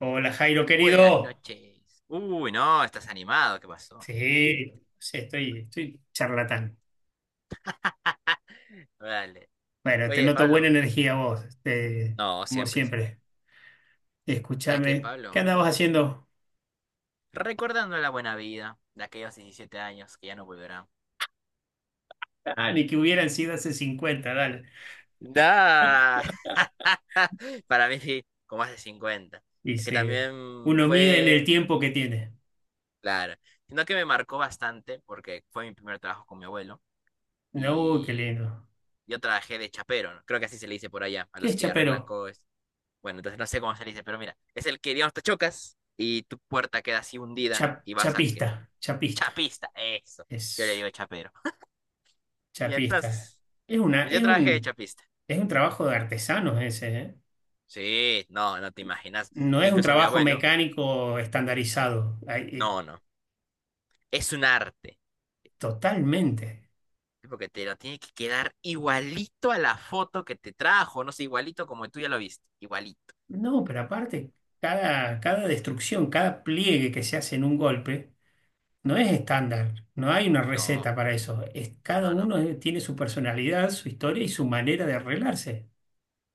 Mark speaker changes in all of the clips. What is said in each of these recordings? Speaker 1: Hola Jairo,
Speaker 2: Buenas
Speaker 1: querido.
Speaker 2: noches. Uy, no, estás animado, ¿qué pasó?
Speaker 1: Sí, sí, estoy charlatán.
Speaker 2: Dale.
Speaker 1: Bueno, te
Speaker 2: Oye,
Speaker 1: noto buena
Speaker 2: Pablo.
Speaker 1: energía vos,
Speaker 2: No,
Speaker 1: como
Speaker 2: siempre, siempre.
Speaker 1: siempre.
Speaker 2: ¿Sabes qué,
Speaker 1: Escúchame, ¿qué
Speaker 2: Pablo?
Speaker 1: andabas haciendo?
Speaker 2: Recordando la buena vida de aquellos 17 años que ya no volverán.
Speaker 1: Ah, ni que hubieran sido hace 50, dale.
Speaker 2: Da. Para mí, sí, como hace 50. Es que
Speaker 1: Dice,
Speaker 2: también
Speaker 1: uno mide en el
Speaker 2: fue,
Speaker 1: tiempo que tiene.
Speaker 2: claro, sino que me marcó bastante porque fue mi primer trabajo con mi abuelo
Speaker 1: No, qué
Speaker 2: y
Speaker 1: lindo.
Speaker 2: yo trabajé de chapero, ¿no? Creo que así se le dice por allá, a
Speaker 1: ¿Qué
Speaker 2: los
Speaker 1: es
Speaker 2: que arreglan
Speaker 1: chapero?
Speaker 2: cosas. Bueno, entonces no sé cómo se dice, pero mira, es el que, digamos, te chocas y tu puerta queda así hundida y vas a que...
Speaker 1: Chapista, chapista.
Speaker 2: Chapista, eso. Yo le
Speaker 1: Es
Speaker 2: digo chapero. Y
Speaker 1: chapista.
Speaker 2: entonces,
Speaker 1: Es una,
Speaker 2: pues yo
Speaker 1: es
Speaker 2: trabajé de
Speaker 1: un,
Speaker 2: chapista.
Speaker 1: es un trabajo de artesanos ese, ¿eh?
Speaker 2: Sí, no, no te imaginas.
Speaker 1: No es un
Speaker 2: Incluso mi
Speaker 1: trabajo
Speaker 2: abuelo,
Speaker 1: mecánico estandarizado.
Speaker 2: no, no. Es un arte.
Speaker 1: Totalmente.
Speaker 2: Porque te lo tiene que quedar igualito a la foto que te trajo. No sé, igualito como tú ya lo viste. Igualito.
Speaker 1: No, pero aparte, cada destrucción, cada pliegue que se hace en un golpe, no es estándar, no hay una
Speaker 2: No,
Speaker 1: receta para eso. Es, cada
Speaker 2: no, no.
Speaker 1: uno tiene su personalidad, su historia y su manera de arreglarse,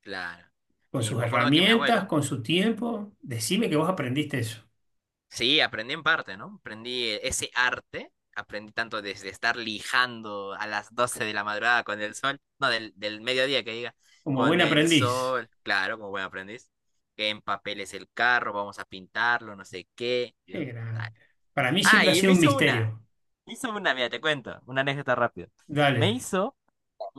Speaker 2: Claro.
Speaker 1: con
Speaker 2: Y
Speaker 1: sus
Speaker 2: me acuerdo que mi
Speaker 1: herramientas,
Speaker 2: abuelo.
Speaker 1: con su tiempo. Decime que vos aprendiste eso,
Speaker 2: Sí, aprendí en parte, ¿no? Aprendí ese arte, aprendí tanto desde estar lijando a las 12 de la madrugada con el sol, no, del mediodía que diga,
Speaker 1: como buen
Speaker 2: con el
Speaker 1: aprendiz.
Speaker 2: sol, claro, como buen aprendiz, que en papel es el carro, vamos a pintarlo, no sé qué, yo,
Speaker 1: Qué grande.
Speaker 2: dale.
Speaker 1: Para mí
Speaker 2: Ah,
Speaker 1: siempre ha
Speaker 2: y
Speaker 1: sido un misterio.
Speaker 2: me hizo una, mira, te cuento, una anécdota rápido. Me
Speaker 1: Dale,
Speaker 2: hizo,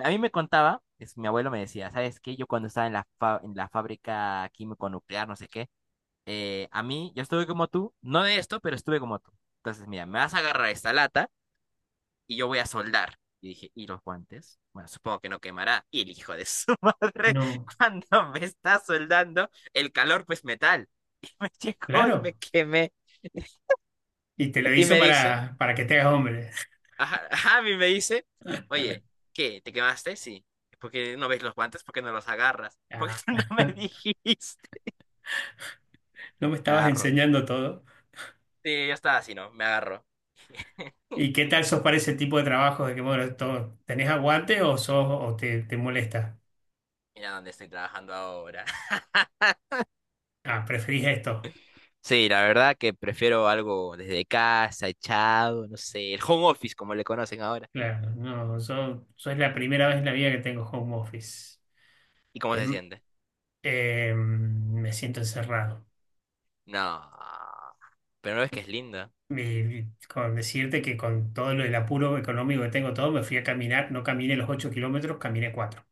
Speaker 2: a mí me contaba, es, mi abuelo me decía, ¿sabes qué? Yo cuando estaba en la, fa- en la fábrica químico nuclear, no sé qué, a mí, yo estuve como tú, no de esto, pero estuve como tú. Entonces, mira, me vas a agarrar esta lata y yo voy a soldar. Y dije, ¿y los guantes? Bueno, supongo que no quemará. Y el hijo de su madre,
Speaker 1: no,
Speaker 2: cuando me está soldando, el calor pues metal. Y me llegó y me
Speaker 1: claro.
Speaker 2: quemé.
Speaker 1: Y te lo
Speaker 2: Y
Speaker 1: hizo
Speaker 2: me dice,
Speaker 1: para que te hagas hombre.
Speaker 2: ajá, ajá, y me dice, oye, ¿qué? ¿Te quemaste? Sí. ¿Por qué no ves los guantes? ¿Por qué no los agarras? ¿Por qué
Speaker 1: Ah,
Speaker 2: tú no me dijiste?
Speaker 1: no me
Speaker 2: Me
Speaker 1: estabas
Speaker 2: agarro.
Speaker 1: enseñando todo.
Speaker 2: Sí, yo estaba así, ¿no? Me agarro.
Speaker 1: ¿Y qué tal sos para ese tipo de trabajos? De que, bueno, ¿tenés aguante o sos, o te molesta?
Speaker 2: Mira dónde estoy trabajando ahora.
Speaker 1: Ah, preferís esto.
Speaker 2: Sí, la verdad que prefiero algo desde casa, echado, no sé, el home office como le conocen ahora.
Speaker 1: Claro, no, yo es la primera vez en la vida que tengo home office.
Speaker 2: ¿Y cómo se
Speaker 1: Em,
Speaker 2: siente?
Speaker 1: me siento encerrado.
Speaker 2: No, pero no ves que es linda.
Speaker 1: Y con decirte que con todo lo, el apuro económico que tengo todo, me fui a caminar, no caminé los 8 kilómetros, caminé 4.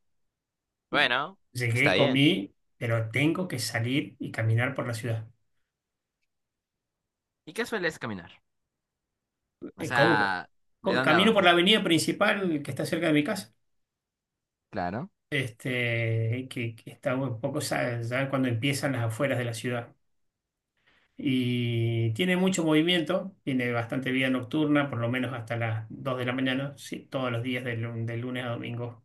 Speaker 2: Bueno,
Speaker 1: Llegué,
Speaker 2: está bien.
Speaker 1: comí, pero tengo que salir y caminar por la ciudad.
Speaker 2: ¿Y qué sueles caminar? O
Speaker 1: ¿Cómo?
Speaker 2: sea, ¿de dónde a
Speaker 1: Camino por
Speaker 2: dónde?
Speaker 1: la avenida principal que está cerca de mi casa.
Speaker 2: Claro,
Speaker 1: Que está un poco ya, cuando empiezan las afueras de la ciudad. Y tiene mucho movimiento, tiene bastante vida nocturna, por lo menos hasta las 2 de la mañana, sí, todos los días de, de lunes a domingo.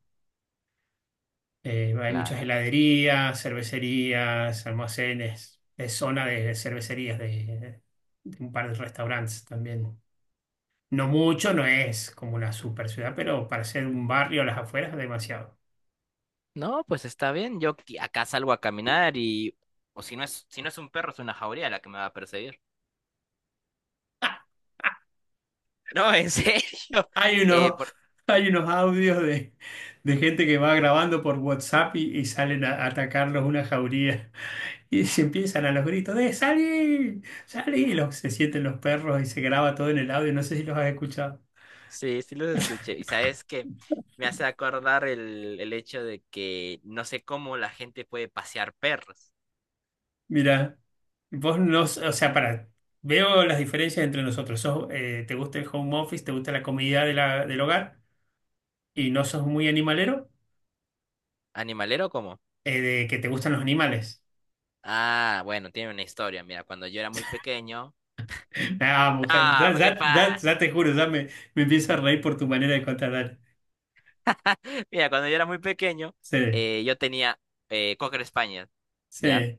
Speaker 1: Hay muchas
Speaker 2: claro.
Speaker 1: heladerías, cervecerías, almacenes, es zona de cervecerías, de un par de restaurantes también. No mucho, no es como una super ciudad, pero para ser un barrio a las afueras, demasiado.
Speaker 2: No, pues está bien. Yo qui- acá salgo a caminar y... O si no es, si no es un perro, es una jauría la que me va a perseguir. No, en serio.
Speaker 1: Hay unos,
Speaker 2: Por-.
Speaker 1: hay unos audios de gente que va grabando por WhatsApp y salen a atacarlos una jauría. Y se empiezan a los gritos de ¡Salí! ¡Salí! Y los, se sienten los perros y se graba todo en el audio. No sé si los has escuchado.
Speaker 2: Sí, sí los escuché. Y sabes que me hace acordar el hecho de que no sé cómo la gente puede pasear perros.
Speaker 1: Mira, vos no, o sea, para, veo las diferencias entre nosotros. Sos, ¿te gusta el home office? ¿Te gusta la comodidad de del hogar? Y no sos muy animalero,
Speaker 2: ¿Animalero cómo?
Speaker 1: de que te gustan los animales.
Speaker 2: Ah, bueno, tiene una historia. Mira, cuando yo era muy pequeño.
Speaker 1: Ah, mujer, ya,
Speaker 2: No, ¿qué pasa?
Speaker 1: ya te juro, me empiezo a reír por tu manera de contar.
Speaker 2: Mira, cuando yo era muy pequeño,
Speaker 1: Sí,
Speaker 2: yo tenía Cocker Spaniel, ¿ya?
Speaker 1: sí,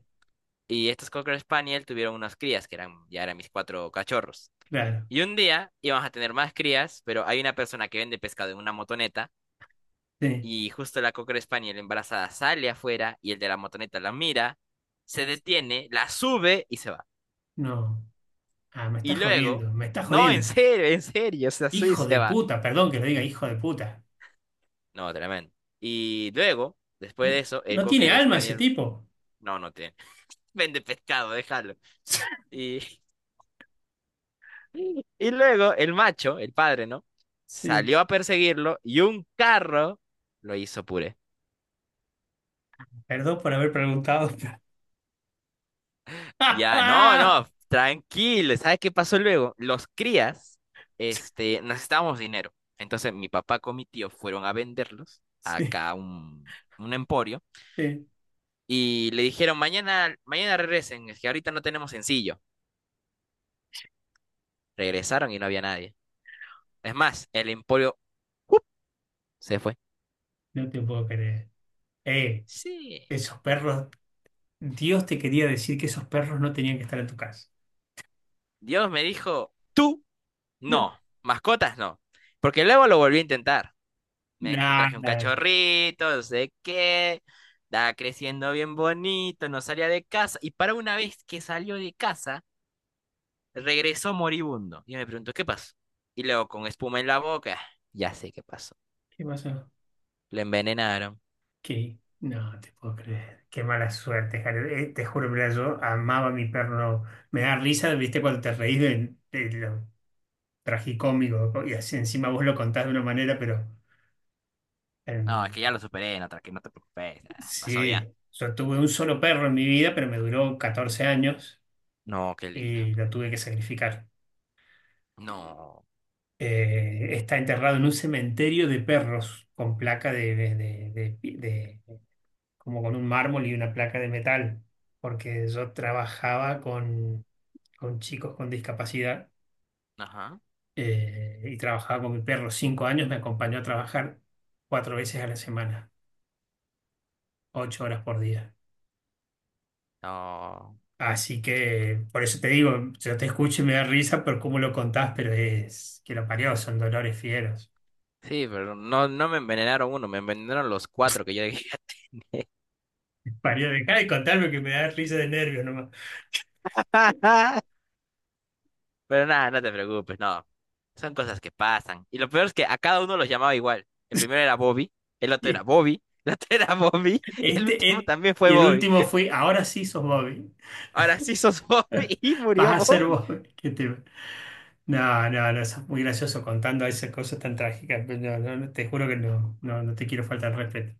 Speaker 2: Y estos Cocker Spaniel tuvieron unas crías que eran, ya eran mis cuatro cachorros.
Speaker 1: claro,
Speaker 2: Y un día íbamos a tener más crías, pero hay una persona que vende pescado en una motoneta.
Speaker 1: sí,
Speaker 2: Y justo la Cocker Spaniel embarazada sale afuera y el de la motoneta la mira, se detiene, la sube y se va.
Speaker 1: no. Ah, me
Speaker 2: Y
Speaker 1: está
Speaker 2: luego,
Speaker 1: jodiendo, me está
Speaker 2: no,
Speaker 1: jodiendo.
Speaker 2: en serio, se la sube y
Speaker 1: Hijo
Speaker 2: se
Speaker 1: de
Speaker 2: va.
Speaker 1: puta, perdón que le diga hijo de puta.
Speaker 2: No, tremendo. Y luego, después
Speaker 1: No,
Speaker 2: de eso, el
Speaker 1: no tiene
Speaker 2: Cocker
Speaker 1: alma ese
Speaker 2: Spaniel,
Speaker 1: tipo.
Speaker 2: no, no tiene, vende pescado, déjalo. Y, y luego el macho, el padre, ¿no?
Speaker 1: Sí,
Speaker 2: Salió a perseguirlo y un carro lo hizo puré.
Speaker 1: perdón por haber preguntado.
Speaker 2: Ya, no, no, tranquilo. ¿Sabes qué pasó luego? Los crías, este, necesitábamos dinero. Entonces mi papá con mi tío fueron a venderlos
Speaker 1: Sí,
Speaker 2: acá a un emporio
Speaker 1: sí,
Speaker 2: y le dijeron, mañana, mañana regresen, es que ahorita no tenemos sencillo. Regresaron y no había nadie. Es más, el emporio ¡up! Se fue.
Speaker 1: no te puedo creer. Eh,
Speaker 2: Sí,
Speaker 1: esos perros, Dios te quería decir que esos perros no tenían que estar en tu casa.
Speaker 2: Dios me dijo, tú no, mascotas no. Porque luego lo volví a intentar. Me traje un
Speaker 1: Nada,
Speaker 2: cachorrito, no sé qué. Estaba creciendo bien bonito, no salía de casa. Y para una vez que salió de casa, regresó moribundo. Y me pregunto, ¿qué pasó? Y luego con espuma en la boca, ya sé qué pasó.
Speaker 1: ¿qué pasó?
Speaker 2: Lo envenenaron.
Speaker 1: Que no te puedo creer. Qué mala suerte, Jared. Te juro, mira, yo amaba a mi perro. Me da risa, viste, cuando te reís de lo tragicómico, ¿no? Y así encima vos lo contás de una manera, pero eh,
Speaker 2: No, es que ya lo superé, no, tranqui- no te preocupes. Ah, pasó ya.
Speaker 1: sí, yo tuve un solo perro en mi vida, pero me duró 14 años
Speaker 2: No, qué lindo.
Speaker 1: y lo tuve que sacrificar.
Speaker 2: No.
Speaker 1: Está enterrado en un cementerio de perros con placa de, de, como con un mármol y una placa de metal, porque yo trabajaba con chicos con discapacidad,
Speaker 2: Ajá.
Speaker 1: y trabajaba con mi perro. 5 años me acompañó a trabajar 4 veces a la semana, 8 horas por día.
Speaker 2: No.
Speaker 1: Así que por eso te digo, yo te escucho y me da risa por cómo lo contás, pero es que lo parió, son dolores fieros.
Speaker 2: Sí, pero no, no me envenenaron uno, me envenenaron los cuatro que yo dejé.
Speaker 1: Parió, dejá de contarme que me da risa de nervios nomás.
Speaker 2: Pero nada, no te preocupes, no. Son cosas que pasan. Y lo peor es que a cada uno los llamaba igual. El primero era Bobby, el otro era
Speaker 1: Y
Speaker 2: Bobby, el otro era Bobby y el
Speaker 1: Este,
Speaker 2: último
Speaker 1: et-
Speaker 2: también fue
Speaker 1: y el
Speaker 2: Bobby.
Speaker 1: último fue, ahora sí sos Bobby.
Speaker 2: Ahora sí sos Bobby y
Speaker 1: Vas
Speaker 2: murió
Speaker 1: a ser
Speaker 2: Bobby.
Speaker 1: Bobby. ¿Qué te No, no, no, sos muy gracioso contando esas cosas tan trágicas. Pero no, no, no, te juro que no, no, no te quiero faltar el respeto.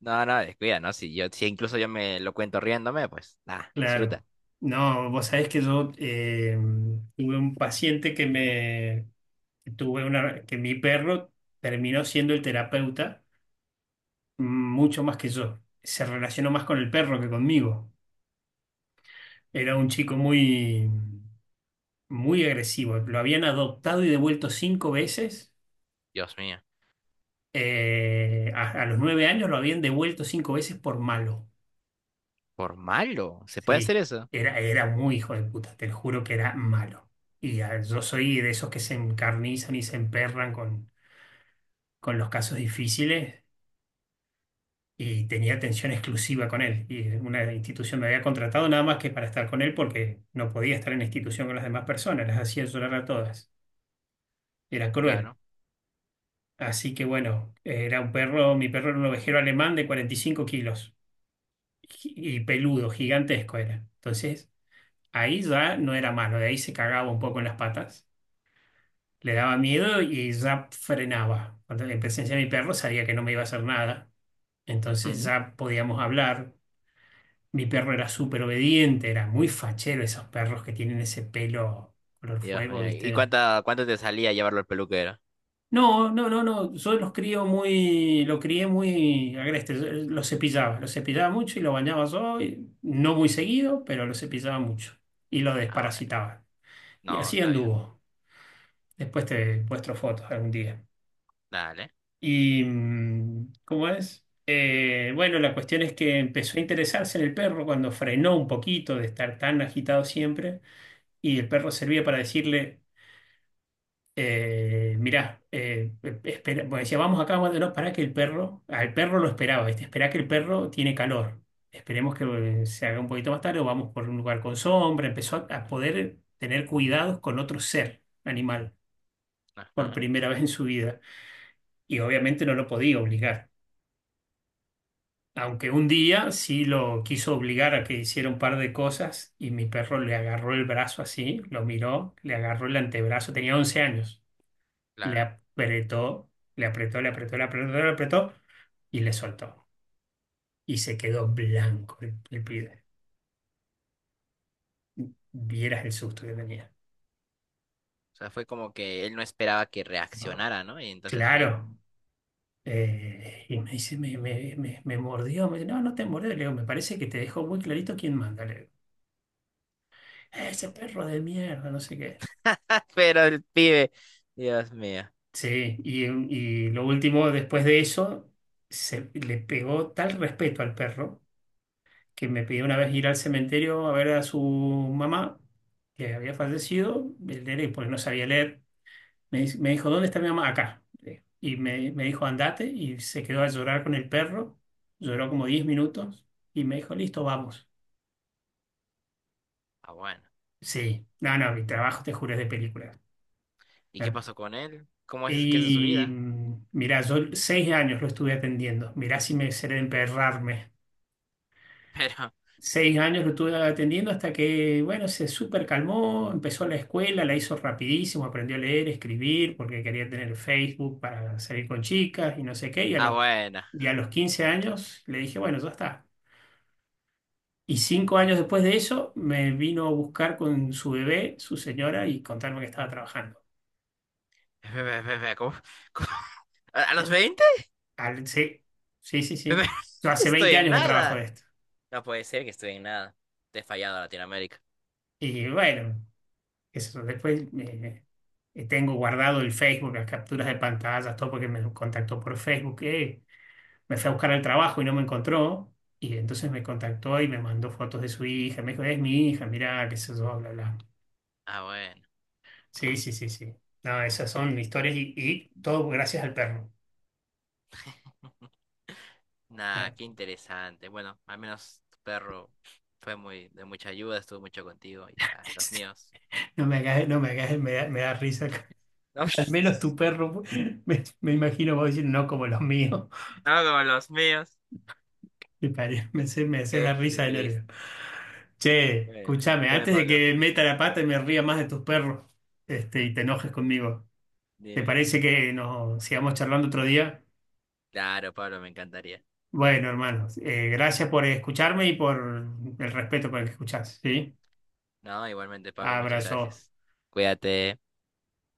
Speaker 2: No, no, descuida, ¿no? Si yo, si incluso yo me lo cuento riéndome, pues nada, disfruta.
Speaker 1: Claro. No, vos sabés que yo tuve un paciente que me que tuve una que mi perro terminó siendo el terapeuta, mm, mucho más que yo. Se relacionó más con el perro que conmigo. Era un chico muy muy agresivo. Lo habían adoptado y devuelto 5 veces.
Speaker 2: Dios mío,
Speaker 1: A los 9 años lo habían devuelto 5 veces por malo.
Speaker 2: por malo, ¿se puede hacer
Speaker 1: Sí,
Speaker 2: eso?
Speaker 1: era muy hijo de puta, te lo juro que era malo. Y yo soy de esos que se encarnizan y se emperran con los casos difíciles y tenía atención exclusiva con él. Y una institución me había contratado nada más que para estar con él porque no podía estar en la institución con las demás personas, las hacía llorar a todas. Era cruel.
Speaker 2: Claro.
Speaker 1: Así que bueno, era un perro, mi perro era un ovejero alemán de 45 kilos y peludo, gigantesco era. Entonces, ahí ya no era malo, de ahí se cagaba un poco en las patas. Le daba miedo y ya frenaba. Cuando en presencia de mi perro sabía que no me iba a hacer nada. Entonces
Speaker 2: Ujú.
Speaker 1: ya podíamos hablar. Mi perro era súper obediente, era muy fachero, esos perros que tienen ese pelo color
Speaker 2: Dios
Speaker 1: fuego,
Speaker 2: mío, ¿y
Speaker 1: ¿viste?
Speaker 2: cuánta, cuánto te salía llevarlo al peluquero?
Speaker 1: No, no, no, no. Yo los crío muy, lo crié muy agreste. Yo los cepillaba, mucho y lo bañaba yo, no muy seguido, pero lo cepillaba mucho y lo
Speaker 2: Ah, bueno.
Speaker 1: desparasitaba. Y
Speaker 2: No,
Speaker 1: así
Speaker 2: está bien.
Speaker 1: anduvo. Después te muestro fotos algún día.
Speaker 2: Dale.
Speaker 1: Y, ¿cómo es? Bueno, la cuestión es que empezó a interesarse en el perro cuando frenó un poquito de estar tan agitado siempre, y el perro servía para decirle, mirá, espera, bueno, decía, vamos acá, vamos, no, para que el perro, al perro lo esperaba, esperá que el perro tiene calor, esperemos que se haga un poquito más tarde o vamos por un lugar con sombra, empezó a poder tener cuidados con otro ser animal por
Speaker 2: Ajá,
Speaker 1: primera vez en su vida, y obviamente no lo podía obligar. Aunque un día sí lo quiso obligar a que hiciera un par de cosas y mi perro le agarró el brazo así, lo miró, le agarró el antebrazo, tenía 11 años, le
Speaker 2: claro.
Speaker 1: apretó, le apretó, le apretó, le apretó, le apretó y le soltó. Y se quedó blanco el pibe. Vieras el susto que tenía.
Speaker 2: O sea, fue como que él no esperaba que reaccionara, ¿no? Y entonces fue como,
Speaker 1: Claro. Y me dice, me mordió. Me dice, no, no te mordió. Le digo, me parece que te dejó muy clarito quién manda. Le digo, ese perro de mierda, no sé qué.
Speaker 2: "Ah, pero el pibe, Dios mío.
Speaker 1: Sí, y lo último, después de eso, se le pegó tal respeto al perro que me pidió una vez ir al cementerio a ver a su mamá, que había fallecido, el nene, porque no sabía leer. Me dijo, ¿dónde está mi mamá? Acá. Y me dijo, andate, y se quedó a llorar con el perro. Lloró como 10 minutos y me dijo, listo, vamos.
Speaker 2: Ah, bueno.
Speaker 1: Sí, no, no, mi trabajo, te juro, es de película.
Speaker 2: ¿Y qué pasó con él? ¿Cómo es que es su
Speaker 1: Y
Speaker 2: vida?
Speaker 1: mira, yo 6 años lo estuve atendiendo. Mirá si me seré de emperrarme.
Speaker 2: Pero,
Speaker 1: 6 años lo estuve atendiendo hasta que, bueno, se súper calmó, empezó la escuela, la hizo rapidísimo, aprendió a leer, escribir, porque quería tener Facebook para salir con chicas y no sé qué.
Speaker 2: ah, bueno.
Speaker 1: Y a los 15 años le dije, bueno, ya está. Y 5 años después de eso me vino a buscar con su bebé, su señora, y contarme que estaba trabajando.
Speaker 2: Ve, ve, ve, ve, ¿cómo- cómo- ¿a a los 20?
Speaker 1: Sí, sí, sí, sí. Yo hace
Speaker 2: Estoy
Speaker 1: 20
Speaker 2: en
Speaker 1: años que trabajo
Speaker 2: nada.
Speaker 1: de esto.
Speaker 2: No puede ser que estoy en nada. Te he fallado a Latinoamérica.
Speaker 1: Y bueno, eso, después tengo guardado el Facebook, las capturas de pantallas, todo porque me contactó por Facebook, me fue a buscar al trabajo y no me encontró. Y entonces me contactó y me mandó fotos de su hija. Me dijo, es mi hija, mirá, qué sé yo, bla, bla.
Speaker 2: Ah, bueno.
Speaker 1: Sí, sí, sí, sí. No, esas son historias y todo gracias al perro.
Speaker 2: Nada,
Speaker 1: Ah,
Speaker 2: qué interesante. Bueno, al menos tu perro fue muy de mucha ayuda, estuvo mucho contigo. Y ya, los míos.
Speaker 1: no me hagas, no me hagas, me da risa. Al menos tu perro, me imagino vos diciendo, no como los míos.
Speaker 2: No, no como los míos.
Speaker 1: Me hace dar risa de nervio.
Speaker 2: Jesucristo.
Speaker 1: Che,
Speaker 2: Bueno,
Speaker 1: escúchame,
Speaker 2: dime,
Speaker 1: antes de
Speaker 2: Pablo.
Speaker 1: que meta la pata y me ría más de tus perros, y te enojes conmigo, ¿te
Speaker 2: Dime.
Speaker 1: parece que nos sigamos charlando otro día?
Speaker 2: Claro, Pablo, me encantaría.
Speaker 1: Bueno, hermano, gracias por escucharme y por el respeto con el que escuchás, ¿sí?
Speaker 2: No, igualmente, Pablo, muchas
Speaker 1: Abrazo.
Speaker 2: gracias. Cuídate.